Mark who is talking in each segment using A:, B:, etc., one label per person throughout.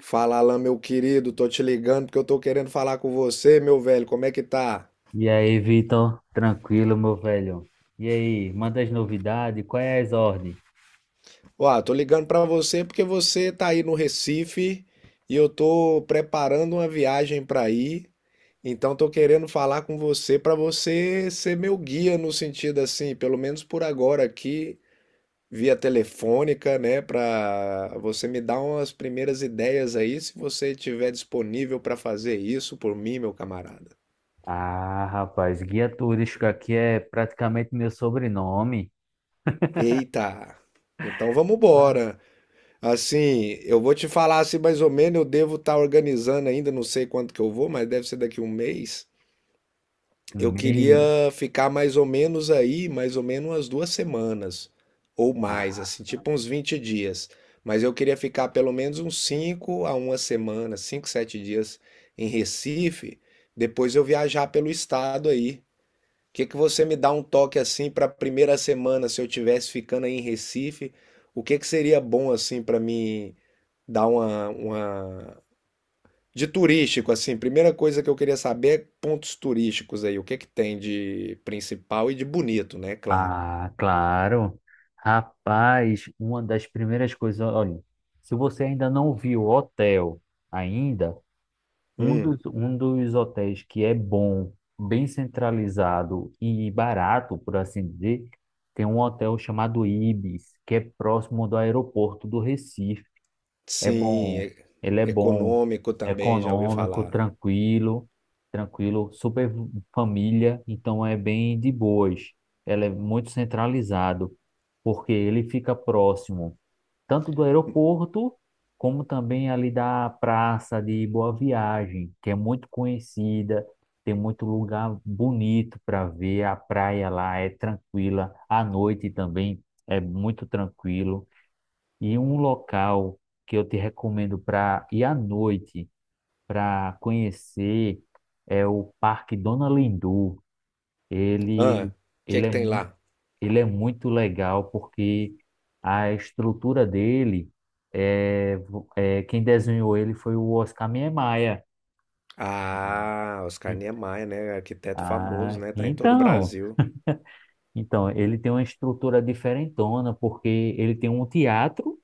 A: Fala lá, meu querido, tô te ligando porque eu tô querendo falar com você, meu velho, como é que tá?
B: E aí, Vitor? Tranquilo, meu velho? E aí, manda as novidades? Qual é as ordens?
A: Ó, tô ligando pra você porque você tá aí no Recife e eu tô preparando uma viagem pra ir. Então tô querendo falar com você pra você ser meu guia no sentido assim, pelo menos por agora aqui, via telefônica, né? Pra você me dar umas primeiras ideias aí, se você tiver disponível pra fazer isso por mim, meu camarada.
B: Ah, rapaz, guia turístico aqui é praticamente meu sobrenome.
A: Eita. Então vamos
B: Ah,
A: embora. Assim, eu vou te falar assim mais ou menos, eu devo estar organizando ainda, não sei quanto que eu vou, mas deve ser daqui um mês. Eu queria
B: Meio.
A: ficar mais ou menos aí, mais ou menos umas 2 semanas ou mais,
B: Ah,
A: assim, tipo uns 20 dias. Mas eu queria ficar pelo menos uns 5 a uma semana, 5, 7 dias em Recife, depois eu viajar pelo estado aí. O que que você me dá um toque assim para a primeira semana, se eu tivesse ficando aí em Recife? O que que seria bom assim para mim? Dar uma... De turístico, assim, primeira coisa que eu queria saber é pontos turísticos aí. O que é que tem de principal e de bonito, né? Claro.
B: claro. Rapaz, uma das primeiras coisas, olha, se você ainda não viu o hotel ainda, Um
A: Hum,
B: dos, um dos hotéis que é bom, bem centralizado e barato, por assim dizer, tem um hotel chamado Ibis, que é próximo do aeroporto do Recife. É
A: sim,
B: bom,
A: e-
B: ele é bom,
A: econômico também, já ouvi
B: econômico,
A: falar.
B: tranquilo, tranquilo, super família, então é bem de boas. Ele é muito centralizado, porque ele fica próximo tanto do aeroporto como também ali da Praça de Boa Viagem, que é muito conhecida, tem muito lugar bonito para ver, a praia lá é tranquila, à noite também é muito tranquilo. E um local que eu te recomendo para ir à noite, para conhecer, é o Parque Dona Lindu. Ele,
A: Ah, o que é
B: ele
A: que
B: é
A: tem
B: muito
A: lá?
B: ele é muito legal porque a estrutura dele é quem desenhou ele foi o Oscar Niemeyer.
A: Ah, Oscar
B: E-
A: Niemeyer, né? Arquiteto famoso,
B: Ah,
A: né? Tá em todo o
B: então,
A: Brasil.
B: então ele tem uma estrutura diferentona porque ele tem um teatro,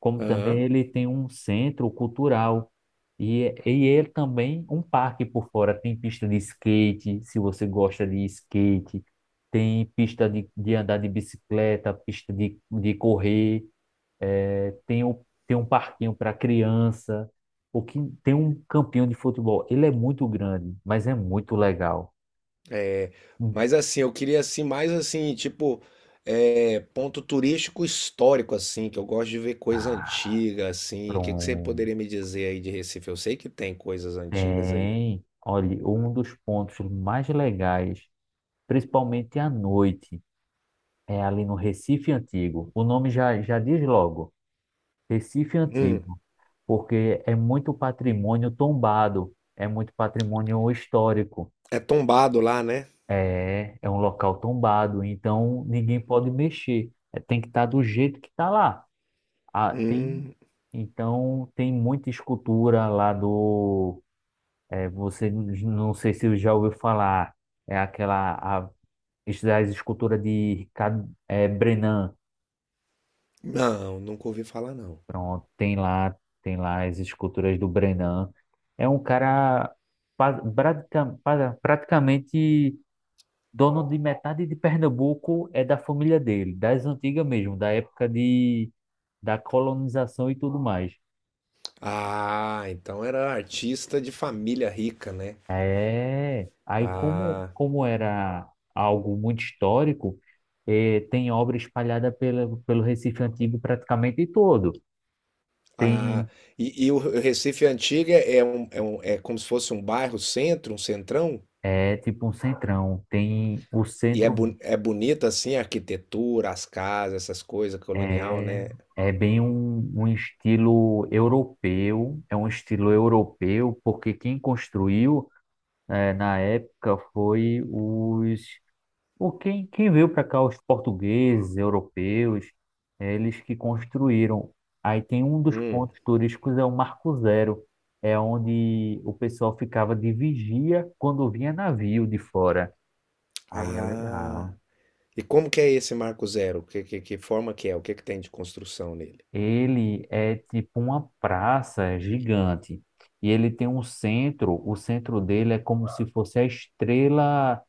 B: como também ele tem um centro cultural e ele também um parque por fora. Tem pista de skate, se você gosta de skate, tem pista de andar de bicicleta, pista de correr. Tem um parquinho para criança, o que tem um campinho de futebol. Ele é muito grande, mas é muito legal.
A: É,
B: Hum.
A: mas assim, eu queria assim, mais assim, tipo, é, ponto turístico histórico, assim, que eu gosto de ver coisa
B: Ah,
A: antiga, assim. O que que você
B: pronto.
A: poderia me dizer aí de Recife? Eu sei que tem coisas antigas aí.
B: Tem. Olha, um dos pontos mais legais, principalmente à noite, é ali no Recife Antigo. O nome já diz logo, Recife
A: Hum,
B: Antigo, porque é muito patrimônio tombado, é muito patrimônio histórico.
A: é tombado lá, né?
B: É, é um local tombado, então ninguém pode mexer. É, tem que estar do jeito que está lá. Ah, tem,
A: Hum,
B: então tem muita escultura lá do. Você não sei se já ouviu falar. É as esculturas de Ricardo, Brenan.
A: não, nunca ouvi falar, não.
B: Pronto, tem lá as esculturas do Brenan. É um cara praticamente dono de metade de Pernambuco é da família dele, das antigas mesmo, da época de, da colonização e tudo mais.
A: Ah, então era artista de família rica, né?
B: É, aí como,
A: Ah,
B: como era algo muito histórico, tem obra espalhada pelo Recife Antigo praticamente todo.
A: ah,
B: Tem,
A: e o Recife Antiga é como se fosse um bairro centro, um centrão?
B: é, tipo um centrão, tem o
A: E é
B: centro,
A: boni é bonita, assim, a arquitetura, as casas, essas coisas, colonial,
B: é,
A: né?
B: é bem um estilo europeu, é um estilo europeu, porque quem construiu é, na época foi os o quem, quem veio para cá os portugueses, europeus, é, eles que construíram. Aí tem um dos
A: Hum.
B: pontos turísticos é o Marco Zero, é onde o pessoal ficava de vigia quando vinha navio de fora. Aí é
A: Ah.
B: legal.
A: E como que é esse Marco Zero? Que forma que é? O que que tem de construção nele?
B: Ele é tipo uma praça gigante e ele tem um centro. O centro dele é como se fosse a estrela.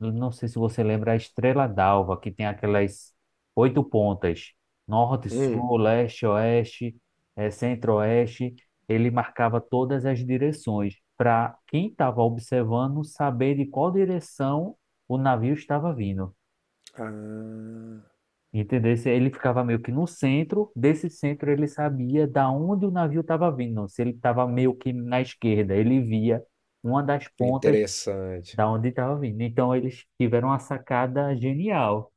B: Eu não sei se você lembra a Estrela d'Alva, que tem aquelas oito pontas, norte,
A: Hum.
B: sul, leste, oeste, centro-oeste. Ele marcava todas as direções para quem estava observando saber de qual direção o navio estava vindo.
A: Ah.
B: Entendeu? Ele ficava meio que no centro, desse centro ele sabia da onde o navio estava vindo. Se ele estava meio que na esquerda, ele via uma das pontas
A: Interessante.
B: da onde estava vindo. Então eles tiveram uma sacada genial.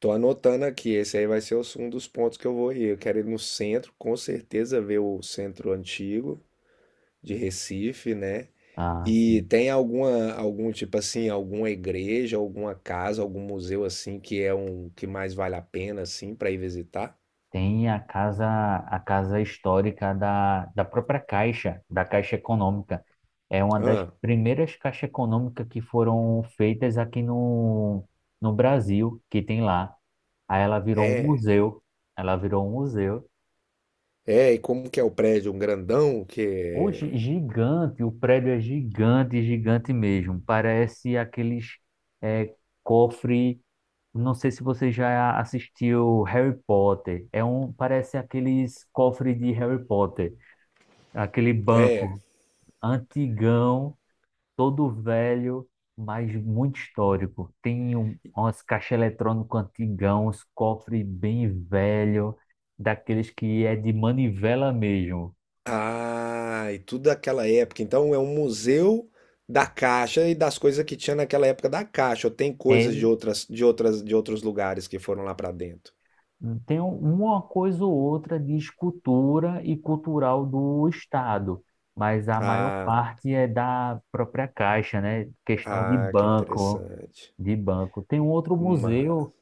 A: Tô anotando aqui, esse aí vai ser os- um dos pontos que eu vou ir. Eu quero ir no centro, com certeza ver o centro antigo de Recife, né?
B: Ah,
A: E
B: sim.
A: tem algum tipo assim, alguma igreja, alguma casa, algum museu assim que é um que mais vale a pena assim para ir visitar?
B: Tem a casa histórica da própria Caixa, da Caixa Econômica. É uma das
A: Ah,
B: primeiras caixas econômicas que foram feitas aqui no, no Brasil, que tem lá. Aí ela virou um
A: é.
B: museu. Ela virou um museu.
A: É, e como que é o prédio? Um grandão
B: Hoje,
A: que
B: gigante, o prédio é gigante, gigante mesmo. Parece aqueles é, cofre. Não sei se você já assistiu Harry Potter. É um, parece aqueles cofres de Harry Potter, aquele
A: é. É.
B: banco antigão, todo velho, mas muito histórico. Tem um, umas caixas eletrônicas antigão, uns cofres bem velho, daqueles que é de manivela mesmo.
A: Ah, e tudo daquela época. Então é um museu da Caixa e das coisas que tinha naquela época da Caixa. Ou tem coisas de
B: É,
A: outras, de outros lugares que foram lá pra dentro.
B: tem uma coisa ou outra de escultura e cultural do Estado, mas a maior
A: Ah,
B: parte é da própria Caixa, né? Questão de
A: ah, que
B: banco,
A: interessante.
B: de banco. Tem um outro
A: Mas,
B: museu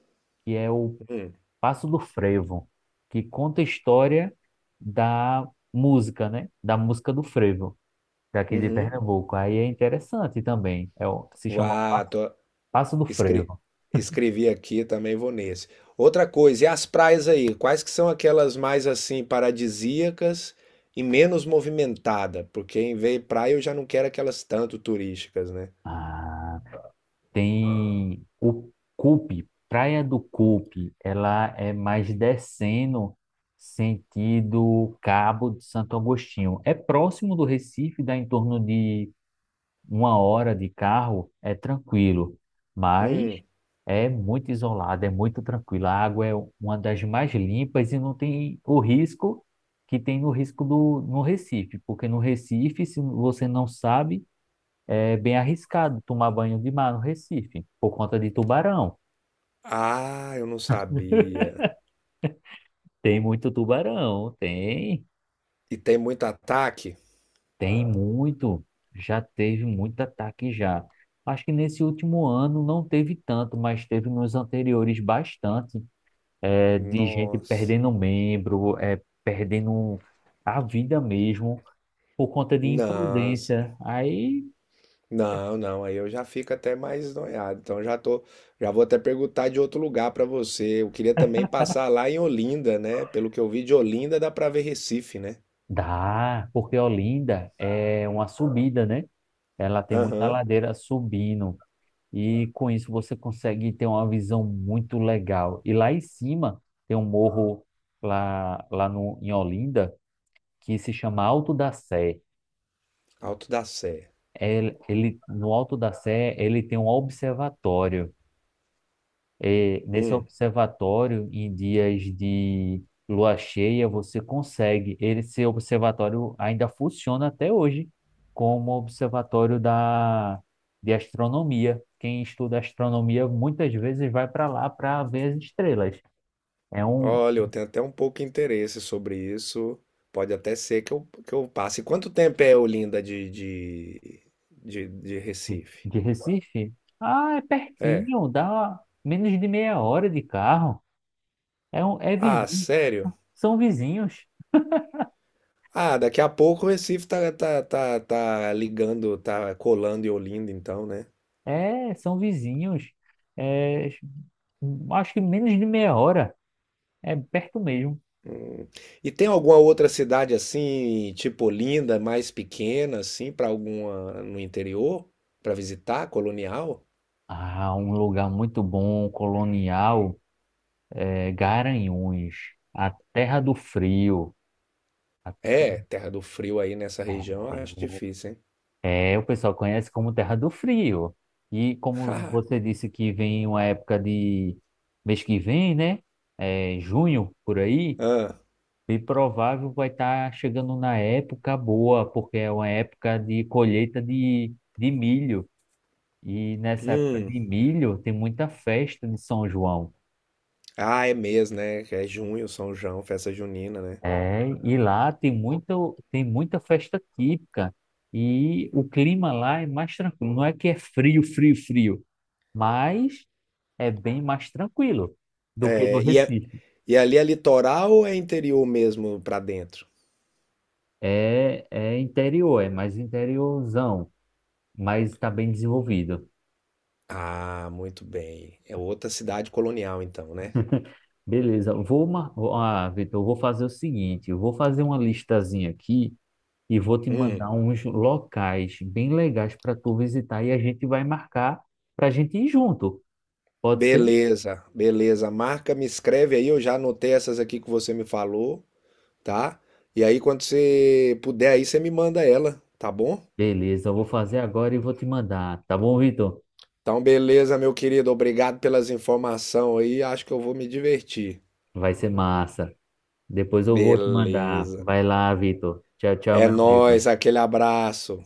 B: que é o
A: hum,
B: Passo do Frevo, que conta a história da música, né? Da música do frevo, daqui de
A: uhum.
B: Pernambuco. Aí é interessante também. É, se chama
A: Uau,
B: Passo do
A: Escre-
B: Frevo.
A: Escrevi aqui, também vou nesse. Outra coisa, e as praias aí? Quais que são aquelas mais assim paradisíacas e menos movimentada? Porque em vez de praia eu já não quero aquelas tanto turísticas, né?
B: Ah. Tem o Cupe, Praia do Cupe, ela é mais descendo sentido Cabo de Santo Agostinho. É próximo do Recife, dá em torno de uma hora de carro, é tranquilo, mas
A: Hum.
B: é muito isolado, é muito tranquilo. A água é uma das mais limpas e não tem o risco que tem no risco do no Recife, porque no Recife, se você não sabe é bem arriscado tomar banho de mar no Recife, por conta de tubarão.
A: Ah, eu não sabia.
B: Tem muito tubarão, tem,
A: E tem muito ataque?
B: tem muito. Já teve muito ataque já. Acho que nesse último ano não teve tanto, mas teve nos anteriores bastante, é, de gente
A: Nossa.
B: perdendo membro, é, perdendo a vida mesmo, por conta de
A: Não.
B: imprudência. Aí
A: Não, aí eu já fico até mais noiado. Então já tô, já vou até perguntar de outro lugar pra você. Eu queria também passar lá em Olinda, né? Pelo que eu vi de Olinda dá pra ver Recife, né?
B: dá, porque Olinda é uma subida, né? Ela tem muita
A: Aham.
B: ladeira subindo. E com isso você consegue ter uma visão muito legal. E lá em cima tem um morro lá, lá no, em Olinda que se chama Alto da Sé.
A: Alto da Sé.
B: No Alto da Sé ele tem um observatório. É nesse
A: Hum.
B: observatório, em dias de lua cheia, você consegue. Ele Esse observatório ainda funciona até hoje como observatório de astronomia. Quem estuda astronomia muitas vezes vai para lá para ver as estrelas. É um
A: Olha, eu tenho até um pouco de interesse sobre isso. Pode até ser que eu passe. Quanto tempo é Olinda de Recife?
B: de Recife? Ah, é
A: É.
B: pertinho, dá menos de meia hora de carro. É, é
A: Ah,
B: vizinho,
A: sério?
B: são vizinhos.
A: Ah, daqui a pouco o Recife tá ligando, tá colando em Olinda, então, né?
B: É, são vizinhos. É, acho que menos de meia hora. É perto mesmo.
A: E tem alguma outra cidade assim, tipo Olinda, mais pequena, assim, para alguma no interior, para visitar, colonial?
B: Ah, um lugar muito bom, colonial, é Garanhuns, a terra do frio. A
A: É, Terra do Frio aí nessa região, eu acho difícil, hein?
B: é, é, o pessoal conhece como Terra do Frio. E como você disse que vem uma época de mês que vem, né? É, junho, por aí.
A: Ah,
B: Bem provável vai estar chegando na época boa, porque é uma época de colheita de milho. E nessa época
A: hum.
B: de milho tem muita festa de São João.
A: Ah, é mesmo né? Que é junho, São João, festa junina, né?
B: É, e lá tem muito, tem muita festa típica. E o clima lá é mais tranquilo. Não é que é frio, frio, frio, mas é bem mais tranquilo do que no
A: É, e, é-
B: Recife.
A: e ali é litoral ou é interior mesmo para dentro?
B: É, é interior, é mais interiorzão, mas está bem desenvolvido.
A: Ah, muito bem. É outra cidade colonial, então, né?
B: Beleza, vou, mar... vou- ah, Vitor, eu vou fazer o seguinte, eu vou fazer uma listazinha aqui e vou te
A: Hum.
B: mandar uns locais bem legais para tu visitar e a gente vai marcar para a gente ir junto. Pode ser?
A: Beleza, beleza. Marca, me escreve aí, eu já anotei essas aqui que você me falou, tá? E aí, quando você puder aí, você me manda ela, tá bom?
B: Beleza, eu vou fazer agora e vou te mandar, tá bom, Vitor?
A: Então, beleza, meu querido. Obrigado pelas informações aí. Acho que eu vou me divertir.
B: Vai ser massa. Depois eu vou te mandar.
A: Beleza.
B: Vai lá, Vitor. Tchau, tchau,
A: É
B: meu
A: nóis,
B: amigo.
A: aquele abraço.